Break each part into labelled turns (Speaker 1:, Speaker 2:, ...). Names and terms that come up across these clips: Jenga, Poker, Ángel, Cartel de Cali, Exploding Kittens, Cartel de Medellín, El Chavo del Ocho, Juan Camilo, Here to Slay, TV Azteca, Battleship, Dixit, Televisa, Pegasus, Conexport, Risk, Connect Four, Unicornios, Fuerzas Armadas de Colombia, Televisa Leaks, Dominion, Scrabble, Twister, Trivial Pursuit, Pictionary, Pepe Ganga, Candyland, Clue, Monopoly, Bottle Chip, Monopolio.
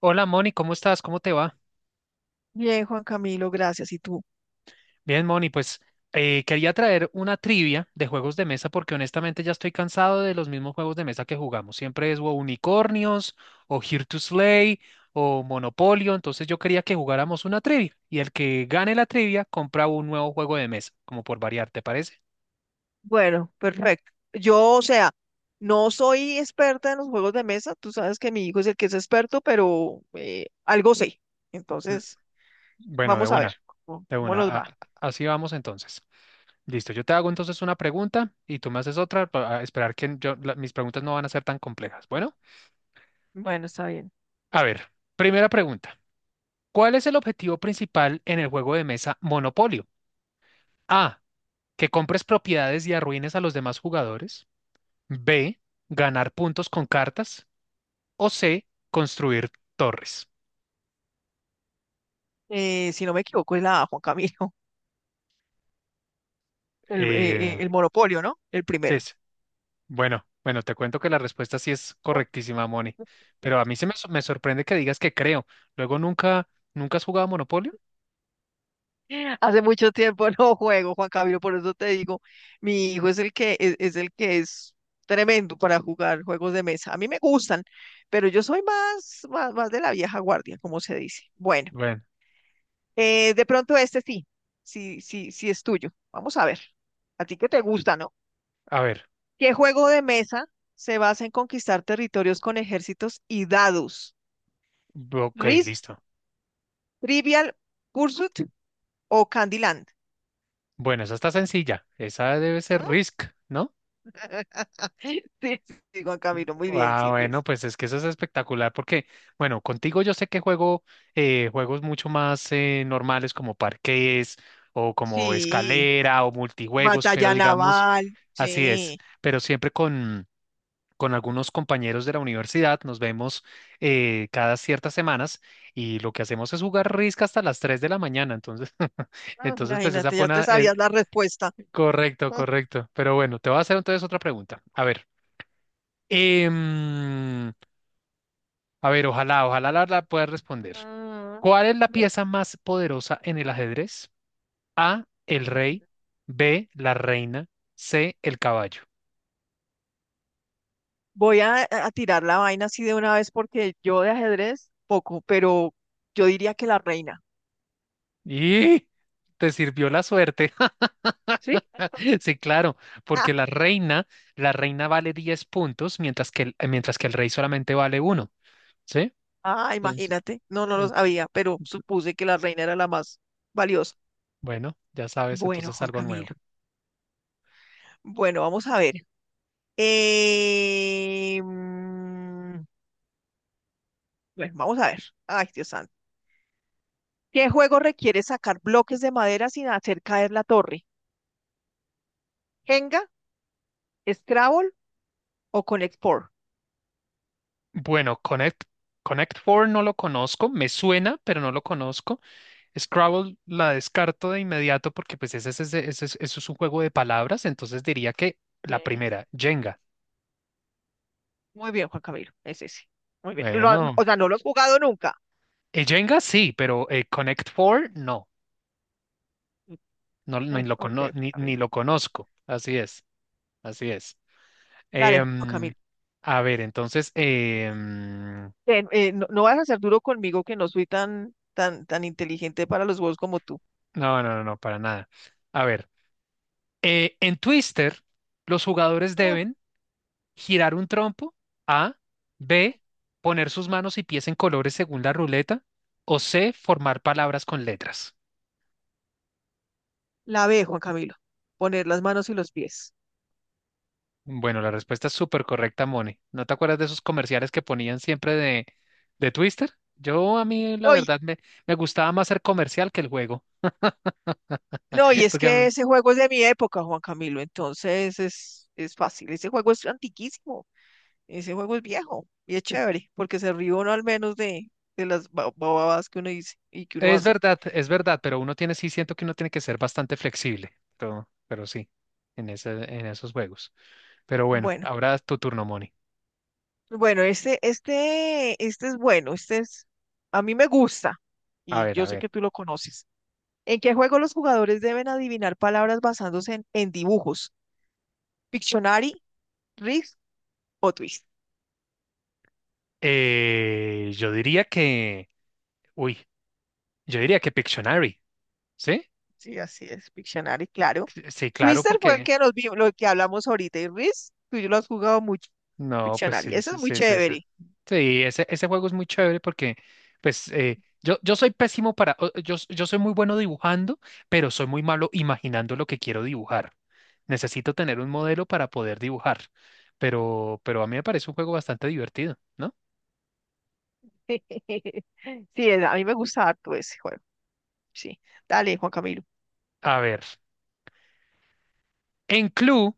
Speaker 1: Hola Moni, ¿cómo estás? ¿Cómo te va?
Speaker 2: Bien, Juan Camilo, gracias. ¿Y tú?
Speaker 1: Bien, Moni, pues quería traer una trivia de juegos de mesa porque honestamente ya estoy cansado de los mismos juegos de mesa que jugamos. Siempre es o Unicornios o Here to Slay o Monopolio. Entonces yo quería que jugáramos una trivia y el que gane la trivia compra un nuevo juego de mesa, como por variar, ¿te parece?
Speaker 2: Bueno, perfecto. Yo, o sea, no soy experta en los juegos de mesa. Tú sabes que mi hijo es el que es experto, pero algo sé.
Speaker 1: L-
Speaker 2: Entonces,
Speaker 1: Bueno, de
Speaker 2: vamos a
Speaker 1: una,
Speaker 2: ver
Speaker 1: de
Speaker 2: cómo
Speaker 1: una.
Speaker 2: nos va.
Speaker 1: Así vamos entonces. Listo, yo te hago entonces una pregunta y tú me haces otra para esperar que yo, mis preguntas no van a ser tan complejas. Bueno.
Speaker 2: Bueno, está bien.
Speaker 1: A ver, primera pregunta. ¿Cuál es el objetivo principal en el juego de mesa Monopolio? A, que compres propiedades y arruines a los demás jugadores. B, ganar puntos con cartas. O C, construir torres.
Speaker 2: Si no me equivoco, es la A, Juan Camilo,
Speaker 1: Eh,
Speaker 2: el monopolio, ¿no? El
Speaker 1: sí,
Speaker 2: primero.
Speaker 1: sí. Bueno, bueno, te cuento que la respuesta sí es correctísima, Moni. Pero a mí me sorprende que digas que creo. Luego nunca has jugado Monopolio.
Speaker 2: Hace mucho tiempo no juego, Juan Camilo, por eso te digo, mi hijo es el que es el que es tremendo para jugar juegos de mesa. A mí me gustan, pero yo soy más de la vieja guardia, como se dice. Bueno,
Speaker 1: Bueno,
Speaker 2: de pronto este sí, sí es tuyo. Vamos a ver. A ti que te gusta, ¿no?
Speaker 1: a ver.
Speaker 2: ¿Qué juego de mesa se basa en conquistar territorios con ejércitos y dados?
Speaker 1: Ok,
Speaker 2: ¿Risk,
Speaker 1: listo.
Speaker 2: Trivial Pursuit o Candyland?
Speaker 1: Bueno, esa está sencilla. Esa debe ser
Speaker 2: Mm.
Speaker 1: Risk, ¿no?
Speaker 2: Sí, sí, Juan Camilo, muy bien,
Speaker 1: Ah,
Speaker 2: sí,
Speaker 1: bueno,
Speaker 2: Riz.
Speaker 1: pues es que eso es espectacular porque, bueno, contigo yo sé que juego juegos mucho más normales como parqués o como
Speaker 2: Sí,
Speaker 1: escalera o multijuegos, pero
Speaker 2: batalla
Speaker 1: digamos,
Speaker 2: naval,
Speaker 1: así es,
Speaker 2: sí.
Speaker 1: pero con algunos compañeros de la universidad nos vemos cada ciertas semanas y lo que hacemos es jugar risca hasta las 3 de la mañana, entonces,
Speaker 2: Ah,
Speaker 1: entonces pues esa
Speaker 2: imagínate,
Speaker 1: fue
Speaker 2: ya te
Speaker 1: una,
Speaker 2: sabías la respuesta.
Speaker 1: correcto, correcto, pero bueno, te voy a hacer entonces otra pregunta. A ver. em, A ver, ojalá la verdad puedas responder.
Speaker 2: Mm. ah,
Speaker 1: ¿Cuál es la
Speaker 2: bueno.
Speaker 1: pieza más poderosa en el ajedrez? A, el rey, B, la reina, C, el caballo.
Speaker 2: Voy a tirar la vaina así de una vez porque yo de ajedrez poco, pero yo diría que la reina.
Speaker 1: Y te sirvió la suerte.
Speaker 2: ¿Sí?
Speaker 1: Sí, claro, porque la reina, la reina vale 10 puntos, mientras que mientras que el rey solamente vale uno, ¿sí?
Speaker 2: Ah,
Speaker 1: Entonces,
Speaker 2: imagínate. No, no lo
Speaker 1: en-
Speaker 2: sabía, pero supuse que la reina era la más valiosa.
Speaker 1: bueno, ya sabes,
Speaker 2: Bueno,
Speaker 1: entonces
Speaker 2: Juan
Speaker 1: algo nuevo.
Speaker 2: Camilo. Bueno, vamos a ver. Eh, Bueno, vamos a ver. Ay, Dios santo. ¿Qué juego requiere sacar bloques de madera sin hacer caer la torre? ¿Jenga, Scrabble o Conexport?
Speaker 1: Bueno, Connect Four no lo conozco, me suena, pero no lo
Speaker 2: Ujú.
Speaker 1: conozco. Scrabble la descarto de inmediato porque pues ese, es- ese- ese es- eso es un juego de palabras, entonces diría que la
Speaker 2: Sí.
Speaker 1: primera, Jenga.
Speaker 2: Muy bien, Juan Camilo. Es ese. Muy bien.
Speaker 1: Bueno,
Speaker 2: O sea, no lo has jugado nunca.
Speaker 1: Jenga sí, pero Connect Four no,
Speaker 2: Ok, Juan
Speaker 1: ni
Speaker 2: Camilo.
Speaker 1: lo conozco. Así es, así es.
Speaker 2: Dale, Juan
Speaker 1: Em,
Speaker 2: Camilo.
Speaker 1: a ver,
Speaker 2: No, no vas a ser duro conmigo que no soy tan inteligente para los juegos como tú.
Speaker 1: no, no, no, no, para nada. A ver, en Twister los jugadores
Speaker 2: Mm.
Speaker 1: deben girar un trompo, A, B, poner sus manos y pies en colores según la ruleta, o C, formar palabras con letras.
Speaker 2: La B, Juan Camilo. Poner las manos y los pies.
Speaker 1: Bueno, la respuesta es súper correcta, Mone. ¿No te acuerdas de esos comerciales que ponían de Twister? La
Speaker 2: ¡Ay!
Speaker 1: verdad, me gustaba más ser comercial que el juego,
Speaker 2: No, y es
Speaker 1: porque a
Speaker 2: que
Speaker 1: mí-
Speaker 2: ese juego es de mi época, Juan Camilo, entonces es fácil. Ese juego es antiquísimo, ese juego es viejo y es chévere, porque se ríe uno al menos de las babadas que uno dice y que uno hace.
Speaker 1: es verdad, sí siento que uno tiene que ser bastante flexible, pero sí, en esos juegos. Pero bueno,
Speaker 2: Bueno,
Speaker 1: ahora es tu turno, Moni.
Speaker 2: bueno, este es bueno, este es, a mí me gusta
Speaker 1: A
Speaker 2: y
Speaker 1: ver, a
Speaker 2: yo sé
Speaker 1: ver.
Speaker 2: que tú lo conoces. ¿En qué juego los jugadores deben adivinar palabras basándose en dibujos? ¿Pictionary, Risk o Twist?
Speaker 1: Eh, yo diría que, uy, yo diría que Pictionary, ¿sí?
Speaker 2: Sí, así es, Pictionary, claro.
Speaker 1: Sí, claro,
Speaker 2: Twister fue el
Speaker 1: porque,
Speaker 2: que nos vimos, lo que hablamos ahorita, y Risk, tú y yo lo has jugado mucho,
Speaker 1: no, pues
Speaker 2: Pictionary.
Speaker 1: sí,
Speaker 2: Ese es
Speaker 1: sí,
Speaker 2: muy
Speaker 1: sí, sí, sí.
Speaker 2: chévere.
Speaker 1: Sí, ese juego es muy chévere porque, pues, yo soy pésimo para, o- yo, s- yo soy muy bueno dibujando, pero soy muy malo imaginando lo que quiero dibujar. Necesito tener un modelo para poder dibujar, pero a mí me parece un juego bastante divertido, ¿no?
Speaker 2: Sí, a mí me gusta harto ese juego. Sí. Dale, Juan Camilo.
Speaker 1: A ver, en Clue,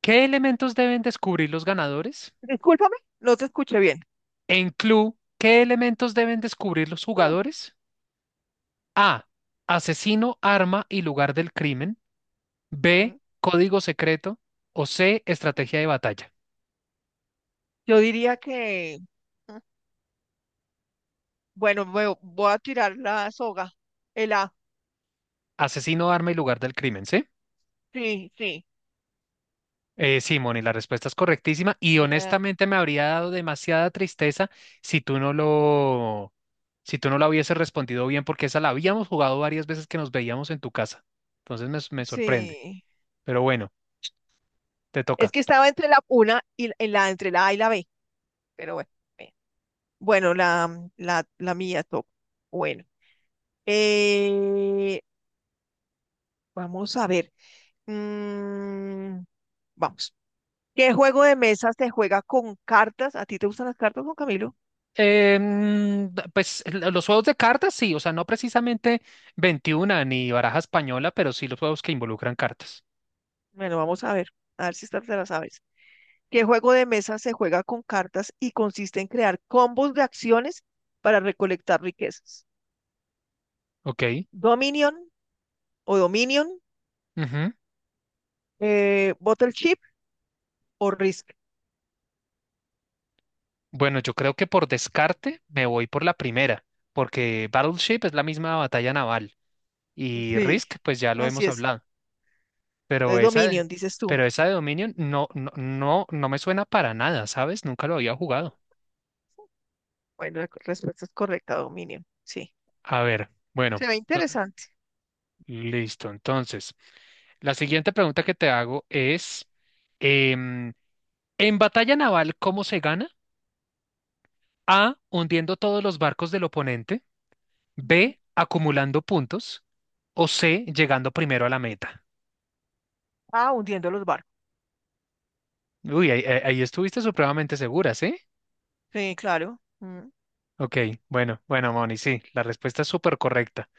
Speaker 1: ¿qué elementos deben descubrir los ganadores?
Speaker 2: Discúlpame, no te escuché bien.
Speaker 1: En Clue, ¿qué elementos deben descubrir los
Speaker 2: Mm.
Speaker 1: jugadores? A. Asesino, arma y lugar del crimen. B. Código secreto. O C.
Speaker 2: Mm.
Speaker 1: Estrategia de batalla.
Speaker 2: Yo diría que, mm, bueno, me voy a tirar la soga. El A.
Speaker 1: Asesino, arma y lugar del crimen, ¿sí?
Speaker 2: Sí, sí.
Speaker 1: Sí, Moni, la respuesta es correctísima y
Speaker 2: Eh,
Speaker 1: honestamente me habría dado demasiada tristeza si tú no lo, si tú no la hubieses respondido bien porque esa la habíamos jugado varias veces que nos veíamos en tu casa. Entonces me sorprende.
Speaker 2: sí.
Speaker 1: Pero bueno, te
Speaker 2: Es
Speaker 1: toca.
Speaker 2: que estaba entre la una y entre la A y la B, pero bueno. Bien. Bueno, la, mm, la mía top. Bueno. eh, Vamos a ver. Mm, vamos. ¿Qué juego de mesa se juega con cartas? ¿A ti te gustan las cartas, Juan Camilo?
Speaker 1: Pues los juegos de cartas, sí, o sea, no precisamente 21 ni baraja española, pero sí los juegos que involucran cartas.
Speaker 2: Bueno, vamos a ver. A ver si esta te la sabes. ¿Qué juego de mesa se juega con cartas y consiste en crear combos de acciones para recolectar riquezas?
Speaker 1: Ok.
Speaker 2: Dominion Dominion,
Speaker 1: Ujú.
Speaker 2: Bottle Chip o Risk.
Speaker 1: Bueno, yo creo que por descarte me voy por la primera, porque Battleship es la misma batalla naval y
Speaker 2: Sí,
Speaker 1: Risk, pues ya lo
Speaker 2: así
Speaker 1: hemos
Speaker 2: es.
Speaker 1: hablado, pero
Speaker 2: Entonces
Speaker 1: esa, de-
Speaker 2: Dominion, dices tú.
Speaker 1: pero esa de Dominion no, no, no, no me suena para nada, ¿sabes? Nunca lo había jugado.
Speaker 2: Bueno, la respuesta es correcta, Dominion. Sí,
Speaker 1: A ver, bueno,
Speaker 2: se ve interesante.
Speaker 1: listo. Entonces, la siguiente pregunta que te hago es... em, En batalla naval, ¿cómo se gana? A, hundiendo todos los barcos del oponente.
Speaker 2: Ujú.
Speaker 1: B, acumulando puntos. O C, llegando primero a la meta.
Speaker 2: Ah, hundiendo los barcos.
Speaker 1: Uy, ahí estuviste supremamente segura, ¿sí?
Speaker 2: Sí, claro. Mm.
Speaker 1: Ok, bueno, bueno, Moni, sí, la respuesta es súper correcta.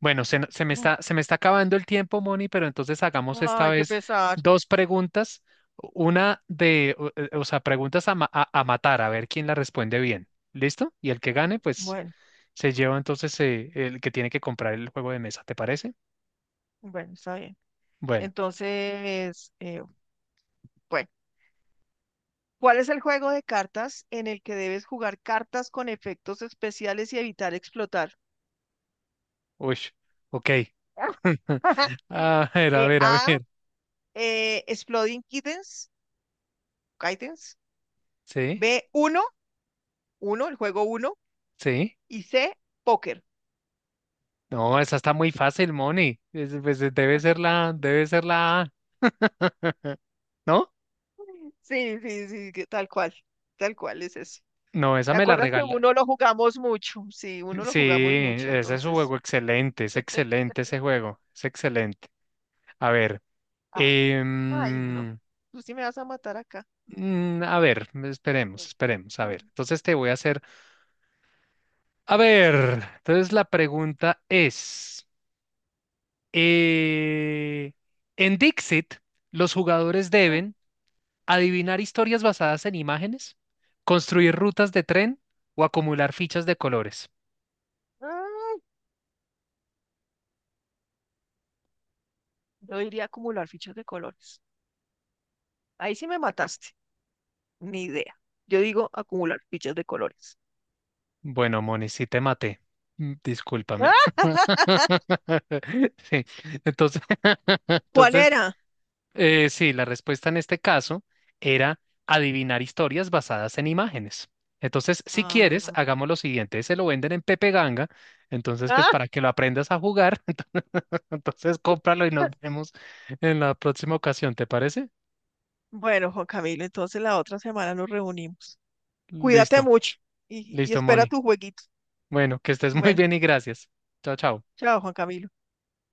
Speaker 1: Bueno, se, no-
Speaker 2: Ujú.
Speaker 1: se me está acabando el tiempo, Moni, pero entonces hagamos esta
Speaker 2: Ay, qué
Speaker 1: vez
Speaker 2: pesar.
Speaker 1: dos preguntas. Una de, o, o sea, preguntas a matar, a ver quién la responde bien. ¿Listo? Y el que gane, pues
Speaker 2: Bueno,
Speaker 1: se lleva entonces el que tiene que comprar el juego de mesa, ¿te parece?
Speaker 2: bueno, está bien.
Speaker 1: Bueno,
Speaker 2: Entonces, bueno. ¿Cuál es el juego de cartas en el que debes jugar cartas con efectos especiales y evitar explotar?
Speaker 1: uy, ok. A ver, a ver, a
Speaker 2: A,
Speaker 1: ver.
Speaker 2: Exploding Kittens, Kittens.
Speaker 1: Sí,
Speaker 2: B, uno, el juego uno.
Speaker 1: sí.
Speaker 2: Y C, Póker.
Speaker 1: No, esa está muy fácil, Moni. Pues, debe ser la A, ¿no?
Speaker 2: Sí, sí, sí, que tal cual es ese.
Speaker 1: No, esa
Speaker 2: ¿Te
Speaker 1: me la
Speaker 2: acuerdas que
Speaker 1: regala.
Speaker 2: uno lo jugamos mucho? Sí, uno lo
Speaker 1: Sí,
Speaker 2: jugamos mucho,
Speaker 1: ese es un
Speaker 2: entonces.
Speaker 1: juego excelente, es excelente ese juego, es excelente. A ver,
Speaker 2: Ah, ay, no.
Speaker 1: em,
Speaker 2: Tú sí me vas a matar acá.
Speaker 1: mm, a ver, esperemos,
Speaker 2: Ay,
Speaker 1: esperemos, a ver. Entonces te voy a hacer, a ver, entonces la pregunta es... Eh, en Dixit, los jugadores deben adivinar historias basadas en imágenes, construir rutas de tren o acumular fichas de colores.
Speaker 2: Yo iría a acumular fichas de colores. Ahí sí me mataste. Ni idea. Yo digo acumular fichas de colores.
Speaker 1: Bueno, Moni, sí te maté. Mm, discúlpame.
Speaker 2: ¡Ah!
Speaker 1: Sí, entonces,
Speaker 2: ¿Cuál
Speaker 1: entonces
Speaker 2: era?
Speaker 1: sí, la respuesta en este caso era adivinar historias basadas en imágenes. Entonces, si quieres,
Speaker 2: Ah,
Speaker 1: hagamos lo siguiente. Se lo venden en Pepe Ganga. Entonces, pues
Speaker 2: ah,
Speaker 1: para que lo aprendas a jugar, entonces, cómpralo y nos vemos en la próxima ocasión, ¿te parece?
Speaker 2: Bueno, Juan Camilo, entonces la otra semana nos reunimos. Cuídate
Speaker 1: Listo,
Speaker 2: mucho y
Speaker 1: listo,
Speaker 2: espera
Speaker 1: Moni.
Speaker 2: tu jueguito.
Speaker 1: Bueno, que estés muy
Speaker 2: Bueno,
Speaker 1: bien y gracias. Chao, chao.
Speaker 2: chao, Juan Camilo.